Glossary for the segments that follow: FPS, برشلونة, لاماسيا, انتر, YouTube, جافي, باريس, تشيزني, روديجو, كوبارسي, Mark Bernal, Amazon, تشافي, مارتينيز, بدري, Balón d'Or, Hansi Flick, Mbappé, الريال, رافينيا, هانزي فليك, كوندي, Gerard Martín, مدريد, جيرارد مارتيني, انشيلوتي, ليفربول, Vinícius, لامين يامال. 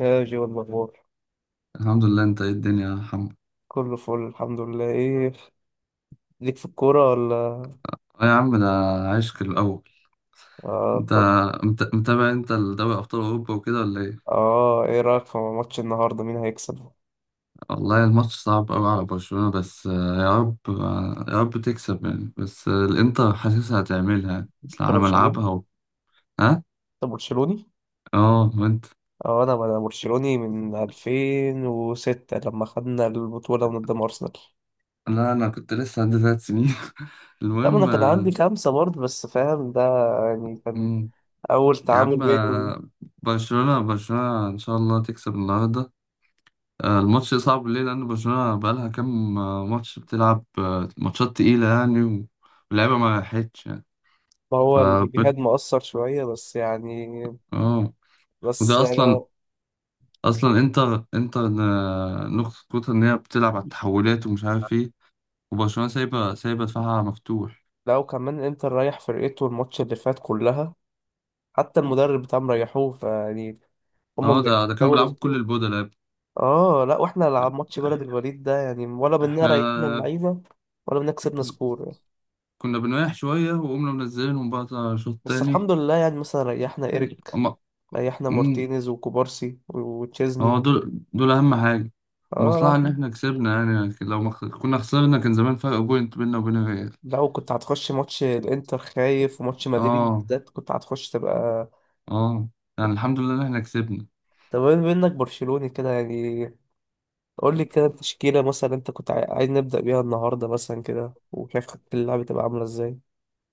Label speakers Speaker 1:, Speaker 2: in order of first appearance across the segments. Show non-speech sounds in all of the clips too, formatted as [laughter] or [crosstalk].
Speaker 1: يا جي والأخبار.
Speaker 2: الحمد لله، انت ايه الدنيا يا محمد؟
Speaker 1: كله فل الحمد لله. ايه ليك في الكورة ولا؟
Speaker 2: اه، يا عم، ده عشق الاول.
Speaker 1: اه
Speaker 2: انت
Speaker 1: طب.
Speaker 2: متابع، انت دوري ابطال اوروبا وكده ولا ايه؟
Speaker 1: اه ايه رأيك في ماتش النهاردة؟ مين هيكسب؟
Speaker 2: والله الماتش صعب قوي على برشلونة، بس يا رب، يا رب تكسب يعني، بس الانتر حاسسها هتعملها يعني.
Speaker 1: انت
Speaker 2: اصل على
Speaker 1: برشلوني؟
Speaker 2: ملعبها ها؟
Speaker 1: انت برشلوني؟
Speaker 2: اه، وانت؟
Speaker 1: اه انا برشلوني من 2006 لما خدنا البطولة من قدام أرسنال.
Speaker 2: لا، انا كنت لسه عندي 3 سنين. [laughs]
Speaker 1: لا ما انا
Speaker 2: المهم.
Speaker 1: كان عندي خمسة برضه، بس فاهم ده. يعني كان
Speaker 2: مم.
Speaker 1: أول
Speaker 2: يا
Speaker 1: تعامل
Speaker 2: عم،
Speaker 1: بيني وبين-.
Speaker 2: برشلونة برشلونة ان شاء الله تكسب النهارده. الماتش صعب ليه؟ لأن برشلونة بقالها كام ماتش بتلعب، ماتشات تقيلة يعني واللعيبة ما راحتش يعني.
Speaker 1: ما
Speaker 2: ف
Speaker 1: هو الجهاد مؤثر شوية بس يعني.
Speaker 2: اه،
Speaker 1: بس
Speaker 2: وده
Speaker 1: يعني
Speaker 2: أصلا، أصلا انتر انتر نقطة قوتها إن هي بتلعب على التحولات ومش عارف ايه. وبرشلونة سايبة دفاعها مفتوح.
Speaker 1: لو كمان انت رايح فرقته الماتش اللي فات كلها. حتى المدرب بتاعهم ريحوه فيعني. هم
Speaker 2: اه، ده كانوا
Speaker 1: بيحتوا
Speaker 2: بيلعبوا بكل
Speaker 1: اسبوع.
Speaker 2: البودلة يا ابني.
Speaker 1: اه لا واحنا لعب ماتش بلد الوليد ده يعني، ولا منا
Speaker 2: احنا
Speaker 1: ريحنا اللعيبه. ولا منا كسبنا سكور يعني.
Speaker 2: كنا بنريح شوية وقمنا منزلينهم بقى شوط
Speaker 1: بس
Speaker 2: تاني.
Speaker 1: الحمد لله يعني مثلا ريحنا ايريك.
Speaker 2: أما،
Speaker 1: ريحنا مارتينيز وكوبارسي وتشيزني.
Speaker 2: هو دول أهم حاجة.
Speaker 1: اه لا
Speaker 2: المصلحة إن
Speaker 1: الحمد.
Speaker 2: إحنا كسبنا يعني، لكن لو ما خ- كنا خسرنا كان زمان فرق بوينت بيننا وبين الريال.
Speaker 1: لو كنت هتخش ماتش الانتر خايف، وماتش مدريد
Speaker 2: آه
Speaker 1: بالذات كنت هتخش تبقى.
Speaker 2: آه يعني الحمد لله إن إحنا كسبنا.
Speaker 1: طب بما انك برشلوني كده يعني، قول لي كده التشكيله مثلا انت كنت عاي- عايز نبدا بيها النهارده مثلا كده، وشايف خطة اللعب تبقى عامله ازاي.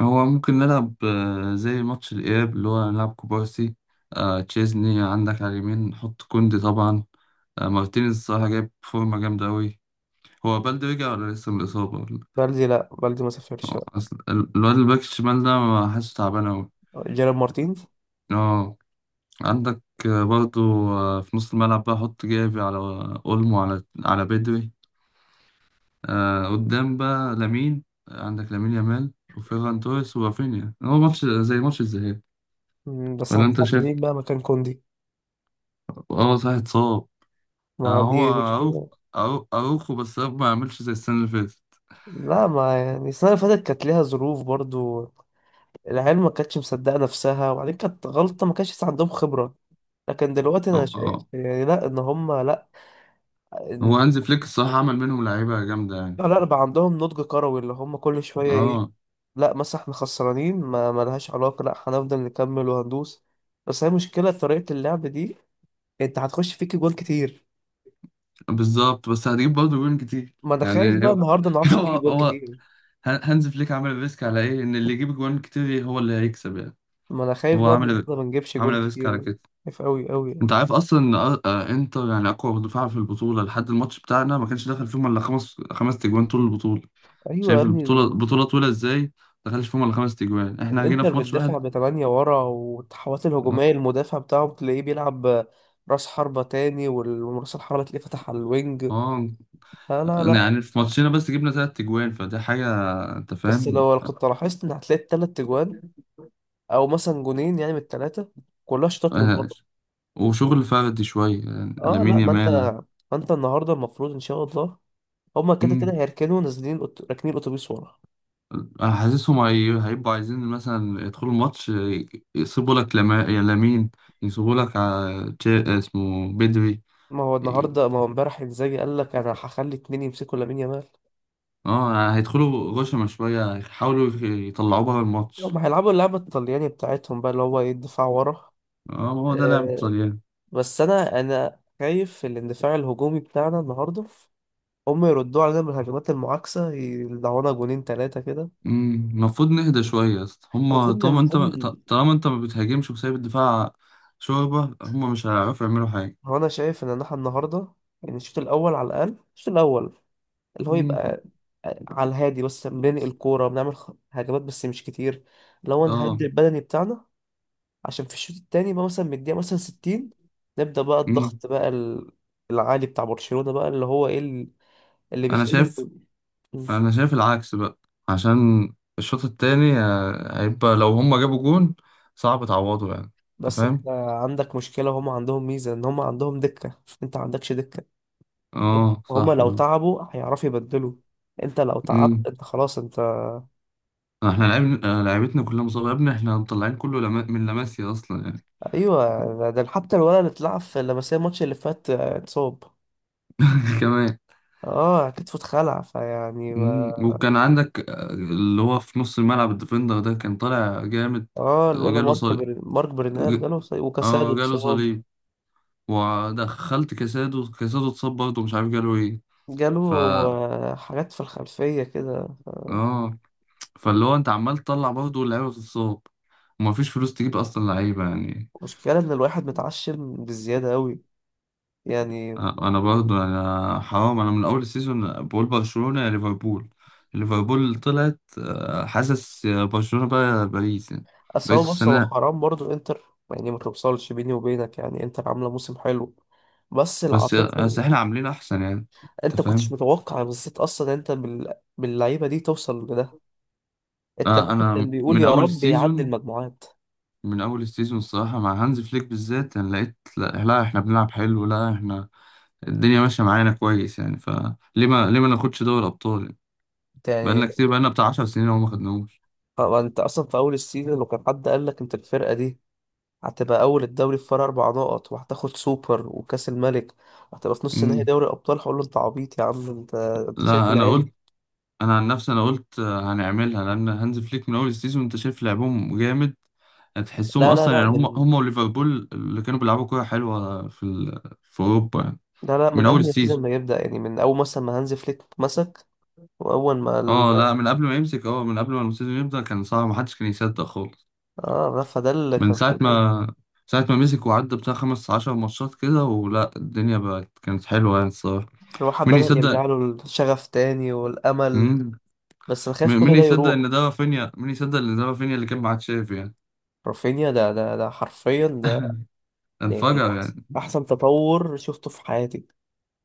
Speaker 2: هو ممكن نلعب زي ماتش الإياب، اللي هو نلعب كوبارسي، تشيزني، عندك على اليمين نحط كوندي طبعا. مارتينيز الصراحة جايب فورمة جامدة أوي. هو بلدي رجع ولا لسه من الإصابة؟
Speaker 1: بلدي، لا بلدي ما سافرش.
Speaker 2: أصل الواد الباك الشمال ده ما حاسه تعبان أوي.
Speaker 1: جيرارد مارتين.
Speaker 2: آه عندك، برضو، في نص الملعب بقى حط جافي على اولمو، على بدري. قدام بقى لامين، عندك لامين يامال وفيران توريس ورافينيا، هو ماتش زي ماتش الذهاب.
Speaker 1: بس
Speaker 2: ولا انت
Speaker 1: هتلعب
Speaker 2: شايف؟
Speaker 1: مين بقى مكان كوندي؟
Speaker 2: اه، صح، اتصاب.
Speaker 1: ما
Speaker 2: هو
Speaker 1: دي مشكلة.
Speaker 2: اروخو، بس أروخو ما عملش زي السنه اللي فاتت.
Speaker 1: لا ما يعني السنة اللي فاتت كانت ليها ظروف برضو. العيال ما كانتش مصدقة نفسها، وبعدين كانت غلطة، ما كانش لسه عندهم خبرة. لكن دلوقتي أنا
Speaker 2: هو،
Speaker 1: شايف يعني لا إن هما لا.
Speaker 2: هو
Speaker 1: إن.
Speaker 2: هانزي فليك الصراحه عمل منهم لعيبه جامده يعني.
Speaker 1: لا بقى عندهم نضج كروي اللي هما كل شوية إيه.
Speaker 2: اه،
Speaker 1: لا مثلا إحنا خسرانين ما ملهاش علاقة، لا هنفضل نكمل وهندوس. بس هي مشكلة طريقة اللعب دي. أنت هتخش فيك جوان كتير.
Speaker 2: بالظبط، بس هتجيب برضه جوان كتير.
Speaker 1: ما أنا خايف
Speaker 2: يعني
Speaker 1: بقى
Speaker 2: هو
Speaker 1: النهاردة ما
Speaker 2: [laughs]
Speaker 1: نعرفش نجيب
Speaker 2: هو
Speaker 1: جوان
Speaker 2: هو
Speaker 1: كتير.
Speaker 2: هانز فليك عامل ريسك على ايه؟ ان اللي يجيب جوان كتير هو اللي هيكسب يعني.
Speaker 1: ما انا خايف
Speaker 2: هو
Speaker 1: بقى
Speaker 2: عامل
Speaker 1: النهارده ما نجيبش جول
Speaker 2: عامل ريسك على
Speaker 1: كتير.
Speaker 2: كده.
Speaker 1: خايف قوي قوي.
Speaker 2: انت عارف اصلا ان انتر يعني اقوى دفاع في البطوله، لحد الماتش بتاعنا ما كانش دخل فيهم الا خمس تجوان طول البطوله.
Speaker 1: ايوه يا
Speaker 2: شايف
Speaker 1: ابني
Speaker 2: البطوله
Speaker 1: ال-.
Speaker 2: البطوله طويله ازاي؟ ما دخلش فيهم الا 5 تجوان، احنا جينا
Speaker 1: الانتر
Speaker 2: في ماتش واحد.
Speaker 1: بتدافع بتمانية ورا، والتحولات
Speaker 2: اه،
Speaker 1: الهجوميه المدافع بتاعه تلاقيه بيلعب راس حربة تاني، وال- وراس الحربة تلاقيه فتح على الوينج.
Speaker 2: آه.
Speaker 1: لا لا لا.
Speaker 2: يعني في ماتشنا بس جبنا 3 تجوان، فدي حاجه. انت
Speaker 1: بس
Speaker 2: فاهم؟
Speaker 1: لو كنت لاحظت ان هتلاقي التلات تجوان او مثلا جونين يعني من التلاتة، كلها شوطات من
Speaker 2: آه،
Speaker 1: بره.
Speaker 2: وشغل فردي شويه، يعني
Speaker 1: اه
Speaker 2: لامين
Speaker 1: لا ما انت.
Speaker 2: يامال.
Speaker 1: ما انت النهارده المفروض ان شاء الله هما كده كده هيركنوا نازلين أت- راكنين اتوبيس ورا.
Speaker 2: انا حاسسهم هيبقوا عايزين مثلا يدخلوا الماتش، يسيبوا لك لما. يا لامين، يسيبوا لك اسمه بدري.
Speaker 1: ما هو
Speaker 2: ي-
Speaker 1: النهارده، ما هو امبارح انزاجي قال لك انا هخلي اتنين يمسكوا لامين يامال.
Speaker 2: اه هيدخلوا غشمة شوية يحاولوا يطلعوا بره
Speaker 1: هم
Speaker 2: الماتش.
Speaker 1: هيلعبوا اللعبة الطلياني بتاعتهم بقى، اللي هو ايه الدفاع ورا.
Speaker 2: اه، ما هو ده لعب
Speaker 1: أه.
Speaker 2: الطليان.
Speaker 1: بس انا خايف الاندفاع الهجومي بتاعنا النهارده هم يردوا علينا بالهجمات المعاكسة، يدعونا جونين تلاتة كده.
Speaker 2: المفروض نهدى شوية يا اسطى، هما
Speaker 1: المفروض إن-.
Speaker 2: طالما انت
Speaker 1: المفروض إن-.
Speaker 2: ط- طالما انت ما بتهاجمش وسايب الدفاع. شوربة، هما مش هيعرفوا يعملوا حاجة.
Speaker 1: هو انا شايف ان احنا النهارده يعني الشوط الاول على الاقل، الشوط الاول اللي هو
Speaker 2: أمم،
Speaker 1: يبقى على الهادي، بس بننقل الكورة بنعمل خ- هجمات بس مش كتير. لو
Speaker 2: اه،
Speaker 1: نهدي البدني بتاعنا عشان في الشوط التاني بقى، مثلا من الدقيقة مثلا 60 نبدأ بقى
Speaker 2: أمم.
Speaker 1: الضغط بقى ال- العالي بتاع برشلونة بقى، اللي هو ايه ال- اللي
Speaker 2: انا
Speaker 1: بيخلي
Speaker 2: شايف
Speaker 1: ال-. مم.
Speaker 2: انا شايف العكس بقى. عشان الشوط التاني هيبقى، لو هما جابوا جون صعب تعوضه يعني. انت
Speaker 1: بس
Speaker 2: فاهم؟
Speaker 1: انت عندك مشكلة، وهم عندهم ميزة ان هم عندهم دكة، انت ما عندكش دكة.
Speaker 2: اه،
Speaker 1: هم
Speaker 2: صح
Speaker 1: لو
Speaker 2: برضه.
Speaker 1: تعبوا هيعرفوا يبدلوا. انت لو تعبت
Speaker 2: امم
Speaker 1: انت خلاص انت.
Speaker 2: احنا لعبنا لعبتنا كلها مصابه يا ابني، احنا مطلعين كله لما من لاماسيا اصلا يعني.
Speaker 1: ايوه ده حتى الولد اللي اتلعب في لمسيه الماتش اللي فات اتصاب.
Speaker 2: [laughs] كمان.
Speaker 1: اه كتفه اتخلع فيعني ما.
Speaker 2: مم. وكان عندك اللي هو في نص الملعب الديفندر ده كان طالع جامد.
Speaker 1: اه الولد
Speaker 2: جاله
Speaker 1: مارك
Speaker 2: صليب.
Speaker 1: بر... مارك برنال
Speaker 2: ج...
Speaker 1: جاله إصابة، وكاسادو
Speaker 2: اه جاله
Speaker 1: اتصاب.
Speaker 2: صليب. ودخلت كاسادو، كاسادو اتصاب برضه، مش عارف جاله ايه.
Speaker 1: جاله
Speaker 2: ف
Speaker 1: حاجات في الخلفية كده.
Speaker 2: اه فاللي هو انت عمال تطلع برضه اللعيبه بتتصاب، ومفيش فلوس تجيب اصلا لعيبه يعني.
Speaker 1: مشكلة إن الواحد متعشم بزيادة أوي يعني.
Speaker 2: انا برضه، انا حرام، انا من اول السيزون بقول برشلونه يا ليفربول. ليفربول طلعت، حاسس يا برشلونه بقى يا باريس يعني.
Speaker 1: أصل
Speaker 2: باريس
Speaker 1: هو بص هو
Speaker 2: السنه.
Speaker 1: حرام برضه إنتر يعني، ما توصلش بيني وبينك يعني إنتر عاملة موسم حلو. بس
Speaker 2: بس
Speaker 1: العاطفة
Speaker 2: بس
Speaker 1: ال-.
Speaker 2: احنا عاملين احسن يعني.
Speaker 1: أنت
Speaker 2: انت
Speaker 1: كنتش
Speaker 2: فاهم؟
Speaker 1: متوقع بالذات أصلا أنت بال... باللعيبة دي توصل لده. أنت الواحد كان
Speaker 2: انا
Speaker 1: بيقول
Speaker 2: من
Speaker 1: يا
Speaker 2: اول
Speaker 1: رب يعدي
Speaker 2: السيزون،
Speaker 1: المجموعات.
Speaker 2: الصراحه مع هانز فليك بالذات، انا لقيت لا, لا احنا بنلعب حلو، لا احنا الدنيا ماشيه معانا كويس يعني، فليه ما ليه ما ناخدش دوري ابطال يعني؟
Speaker 1: أنت
Speaker 2: بقالنا
Speaker 1: يعني.
Speaker 2: كتير، بقالنا بتاع 10 سنين وما خدناهوش.
Speaker 1: طب أنت أصلا في أول السيزون لو كان حد قال لك أنت الفرقة دي هتبقى اول الدوري في فرق اربع نقط، وهتاخد سوبر وكاس الملك، وهتبقى في نص نهائي
Speaker 2: مم.
Speaker 1: دوري ابطال، هقول له انت عبيط يا عم انت. انت شايف
Speaker 2: لا، انا
Speaker 1: العيال
Speaker 2: قلت،
Speaker 1: دي؟
Speaker 2: انا عن نفسي انا قلت هنعملها، لان هانز فليك من اول السيزون انت شايف لعبهم جامد. هتحسهم
Speaker 1: لا لا
Speaker 2: اصلا
Speaker 1: لا
Speaker 2: يعني، هم
Speaker 1: من.
Speaker 2: هم وليفربول اللي كانوا بيلعبوا كوره حلوه في في اوروبا يعني.
Speaker 1: لا لا
Speaker 2: من
Speaker 1: من
Speaker 2: اول
Speaker 1: قبل ما السيزون
Speaker 2: السيزون.
Speaker 1: ما يبدا يعني، من اول مثلا ما هانز فليك مسك. واول ما ال-.
Speaker 2: اه، لا، من قبل ما يمسك، اه، من قبل ما السيزون يبدا كان صعب، محدش كان يصدق خالص.
Speaker 1: اه فده اللي
Speaker 2: من
Speaker 1: كان في
Speaker 2: ساعه
Speaker 1: البال.
Speaker 2: ما ساعة ما مسك وعدى بتاع 15 ماتشات كده، ولا الدنيا بقت كانت حلوة يعني الصراحة.
Speaker 1: الواحد
Speaker 2: مين
Speaker 1: بدا يرجع
Speaker 2: يصدق؟
Speaker 1: له الشغف تاني والامل.
Speaker 2: مم.
Speaker 1: بس انا خايف
Speaker 2: مين
Speaker 1: كل ده
Speaker 2: يصدق
Speaker 1: يروح.
Speaker 2: ان ده رافينيا؟ مين يصدق ان ده رافينيا اللي كان مع تشافي يعني؟
Speaker 1: رافينيا ده ده ده حرفيا ده.
Speaker 2: [laughs]
Speaker 1: يعني
Speaker 2: انفجر
Speaker 1: احسن
Speaker 2: يعني.
Speaker 1: احسن تطور شفته في حياتي.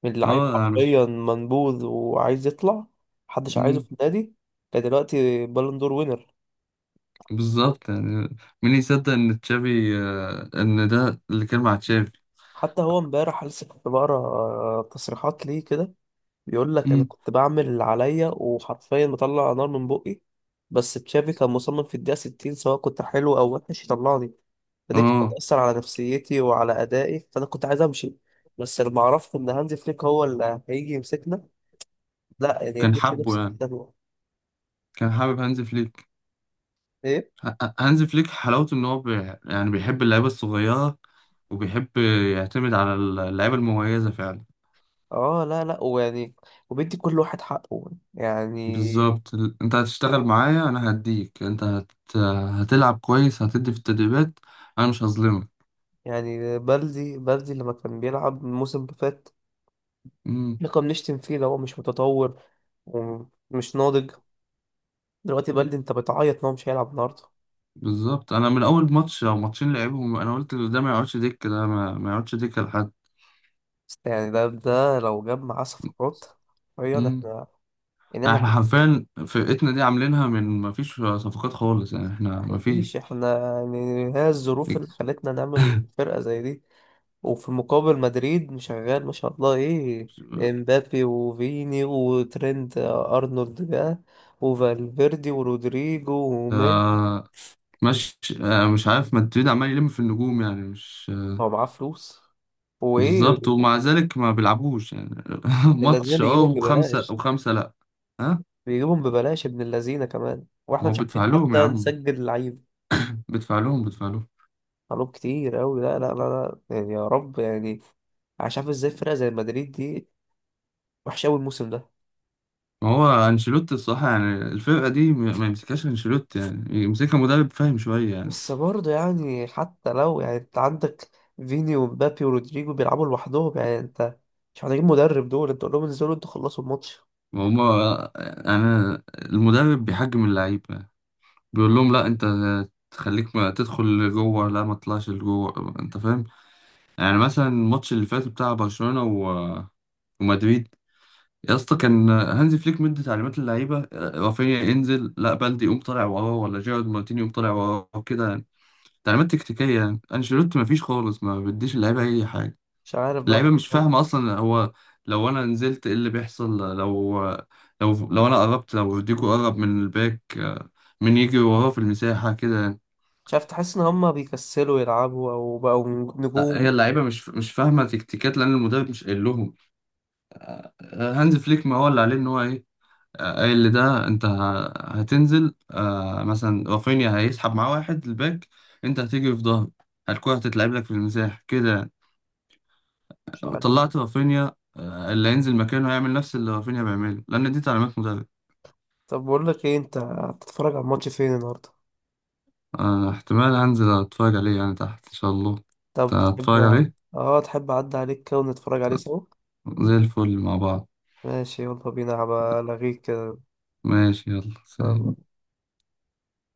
Speaker 1: من لعيب
Speaker 2: اه، أنا مش.
Speaker 1: حرفيا منبوذ وعايز يطلع محدش عايزه
Speaker 2: مم،
Speaker 1: في النادي، كدلوقتي بالون دور وينر.
Speaker 2: بالظبط يعني. مين يصدق ان تشافي آه، ان ده اللي كان مع تشافي؟
Speaker 1: حتى هو امبارح لسه كنت بقرا تصريحات ليه كده، بيقول لك انا
Speaker 2: مم،
Speaker 1: كنت بعمل اللي عليا وحرفيا بطلع نار من بقي. بس تشافي كان مصمم في الدقيقة 60 سواء كنت حلو او وحش يطلعني. فدي كانت
Speaker 2: اه،
Speaker 1: بتأثر على نفسيتي وعلى أدائي، فأنا كنت عايز أمشي. بس لما عرفت إن هانزي فليك هو اللي هيجي يمسكنا، لا يعني
Speaker 2: كان
Speaker 1: اديت
Speaker 2: حبه
Speaker 1: لنفسي في
Speaker 2: يعني،
Speaker 1: الدنيا.
Speaker 2: كان حابب هانز فليك. هانز فليك حلاوته ان هو يعني بيحب اللعيبه الصغيره، وبيحب يعتمد على اللعيبه المميزه فعلا.
Speaker 1: اه لا لا ويعني. وبيدي كل واحد حقه يعني.
Speaker 2: بالظبط، انت هتشتغل معايا انا هديك، انت هتلعب كويس، هتدي في التدريبات، انا مش هظلمك.
Speaker 1: يعني بلدي بلدي لما كان بيلعب الموسم اللي فات،
Speaker 2: امم
Speaker 1: احنا كنا بنشتم فيه لو هو مش متطور ومش ناضج. دلوقتي بلدي انت بتعيط ان هو مش هيلعب النهارده.
Speaker 2: بالظبط، انا من اول ماتش او ماتشين لعبهم، انا قلت ده ما يقعدش دكه، ده ما يقعدش دكه لحد.
Speaker 1: بس يعني ده لو جاب معاه صفقات حرفيا
Speaker 2: امم
Speaker 1: احنا. يعني احنا.
Speaker 2: احنا حرفيا فرقتنا دي عاملينها من ما فيش صفقات خالص، يعني احنا
Speaker 1: احنا
Speaker 2: ما
Speaker 1: مفيش
Speaker 2: فيش.
Speaker 1: احنا يعني، هي الظروف اللي
Speaker 2: إكس.
Speaker 1: خلتنا نعمل فرقة زي دي. وفي المقابل مدريد مشغل ما شاء الله ايه. امبابي وفيني وترينت ارنولد بقى، وفالفيردي ورودريجو ومين.
Speaker 2: آه، مش، مش عارف مدريد عمال يلم في النجوم يعني، مش،
Speaker 1: هو معاه فلوس وايه.
Speaker 2: بالظبط، ومع ذلك ما بيلعبوش يعني. [laughs]
Speaker 1: اللذينه
Speaker 2: ماتش، اه،
Speaker 1: بيجيبهم
Speaker 2: وخمسة
Speaker 1: ببلاش.
Speaker 2: وخمسة لا. ها؟
Speaker 1: بيجيبهم ببلاش ابن اللذينه كمان، واحنا
Speaker 2: ما هو
Speaker 1: مش عارفين
Speaker 2: بيدفع لهم يا
Speaker 1: حتى
Speaker 2: عم،
Speaker 1: نسجل لعيب.
Speaker 2: بيدفع لهم، بيدفع لهم.
Speaker 1: طلب كتير قوي لا لا لا لا يعني يا رب يعني. مش عارف ازاي فرقه زي مدريد دي وحشه قوي الموسم ده.
Speaker 2: ما هو انشيلوتي الصراحة، يعني الفرقة دي ما يمسكهاش انشيلوتي، يعني يمسكها مدرب فاهم شوية يعني.
Speaker 1: بس برضه يعني حتى لو يعني انت عندك فيني ومبابي ورودريجو بيلعبوا لوحدهم يعني انت. مش محتاجين مدرب دول، انت قول لهم انزلوا انتوا خلصوا الماتش.
Speaker 2: وهما، أنا المدرب بيحجم اللعيبة، بيقول لهم لا، أنت تخليك ما تدخل لجوه، لا ما تطلعش لجوه. أنت فاهم؟ يعني مثلا الماتش اللي فات بتاع برشلونة ومدريد. يا اسطى، كان هانزي فليك مدي تعليمات للعيبة: رافينيا انزل، لا بلدي يقوم طالع وراه، ولا جيرارد مارتيني يقوم طالع وراه كده يعني. تعليمات تكتيكية، يعني انشيلوتي ما فيش خالص، ما بيديش اللعيبة أي حاجة.
Speaker 1: مش عارف بقى.
Speaker 2: اللعيبه مش فاهمه اصلا، هو لو انا نزلت ايه اللي بيحصل؟ لو انا قربت، لو روديجو قرب من الباك، مين يجري وراه في المساحه كده يعني؟
Speaker 1: مش عارف تحس ان هما بيكسلوا يلعبوا او بقوا
Speaker 2: هي
Speaker 1: نجوم.
Speaker 2: اللعيبه مش فاهمه تكتيكات، لان المدرب مش قايل لهم. هانز فليك ما هو اللي عليه ان هو ايه؟ قايل لده انت هتنزل، مثلا رافينيا هيسحب معاه واحد الباك، انت هتيجي في ظهره، الكرة هتتلعب لك في المساحة كده يعني.
Speaker 1: مش عارف.
Speaker 2: طلعت رافينيا، اللي هينزل مكانه هيعمل نفس اللي رافينيا بيعمله، لأن دي تعليمات مدرب.
Speaker 1: طب بقول لك ايه، انت هتتفرج على الماتش فين النهارده؟
Speaker 2: احتمال أنزل أتفرج عليه يعني تحت، إن شاء الله.
Speaker 1: طب تحب.
Speaker 2: أتفرج عليه،
Speaker 1: اه تحب اعدي عليك كده ونتفرج عليه سوا.
Speaker 2: زي الفل مع بعض.
Speaker 1: ماشي يلا بينا هبقى الغيك كده.
Speaker 2: ماشي، يلا، سلام.
Speaker 1: يلا.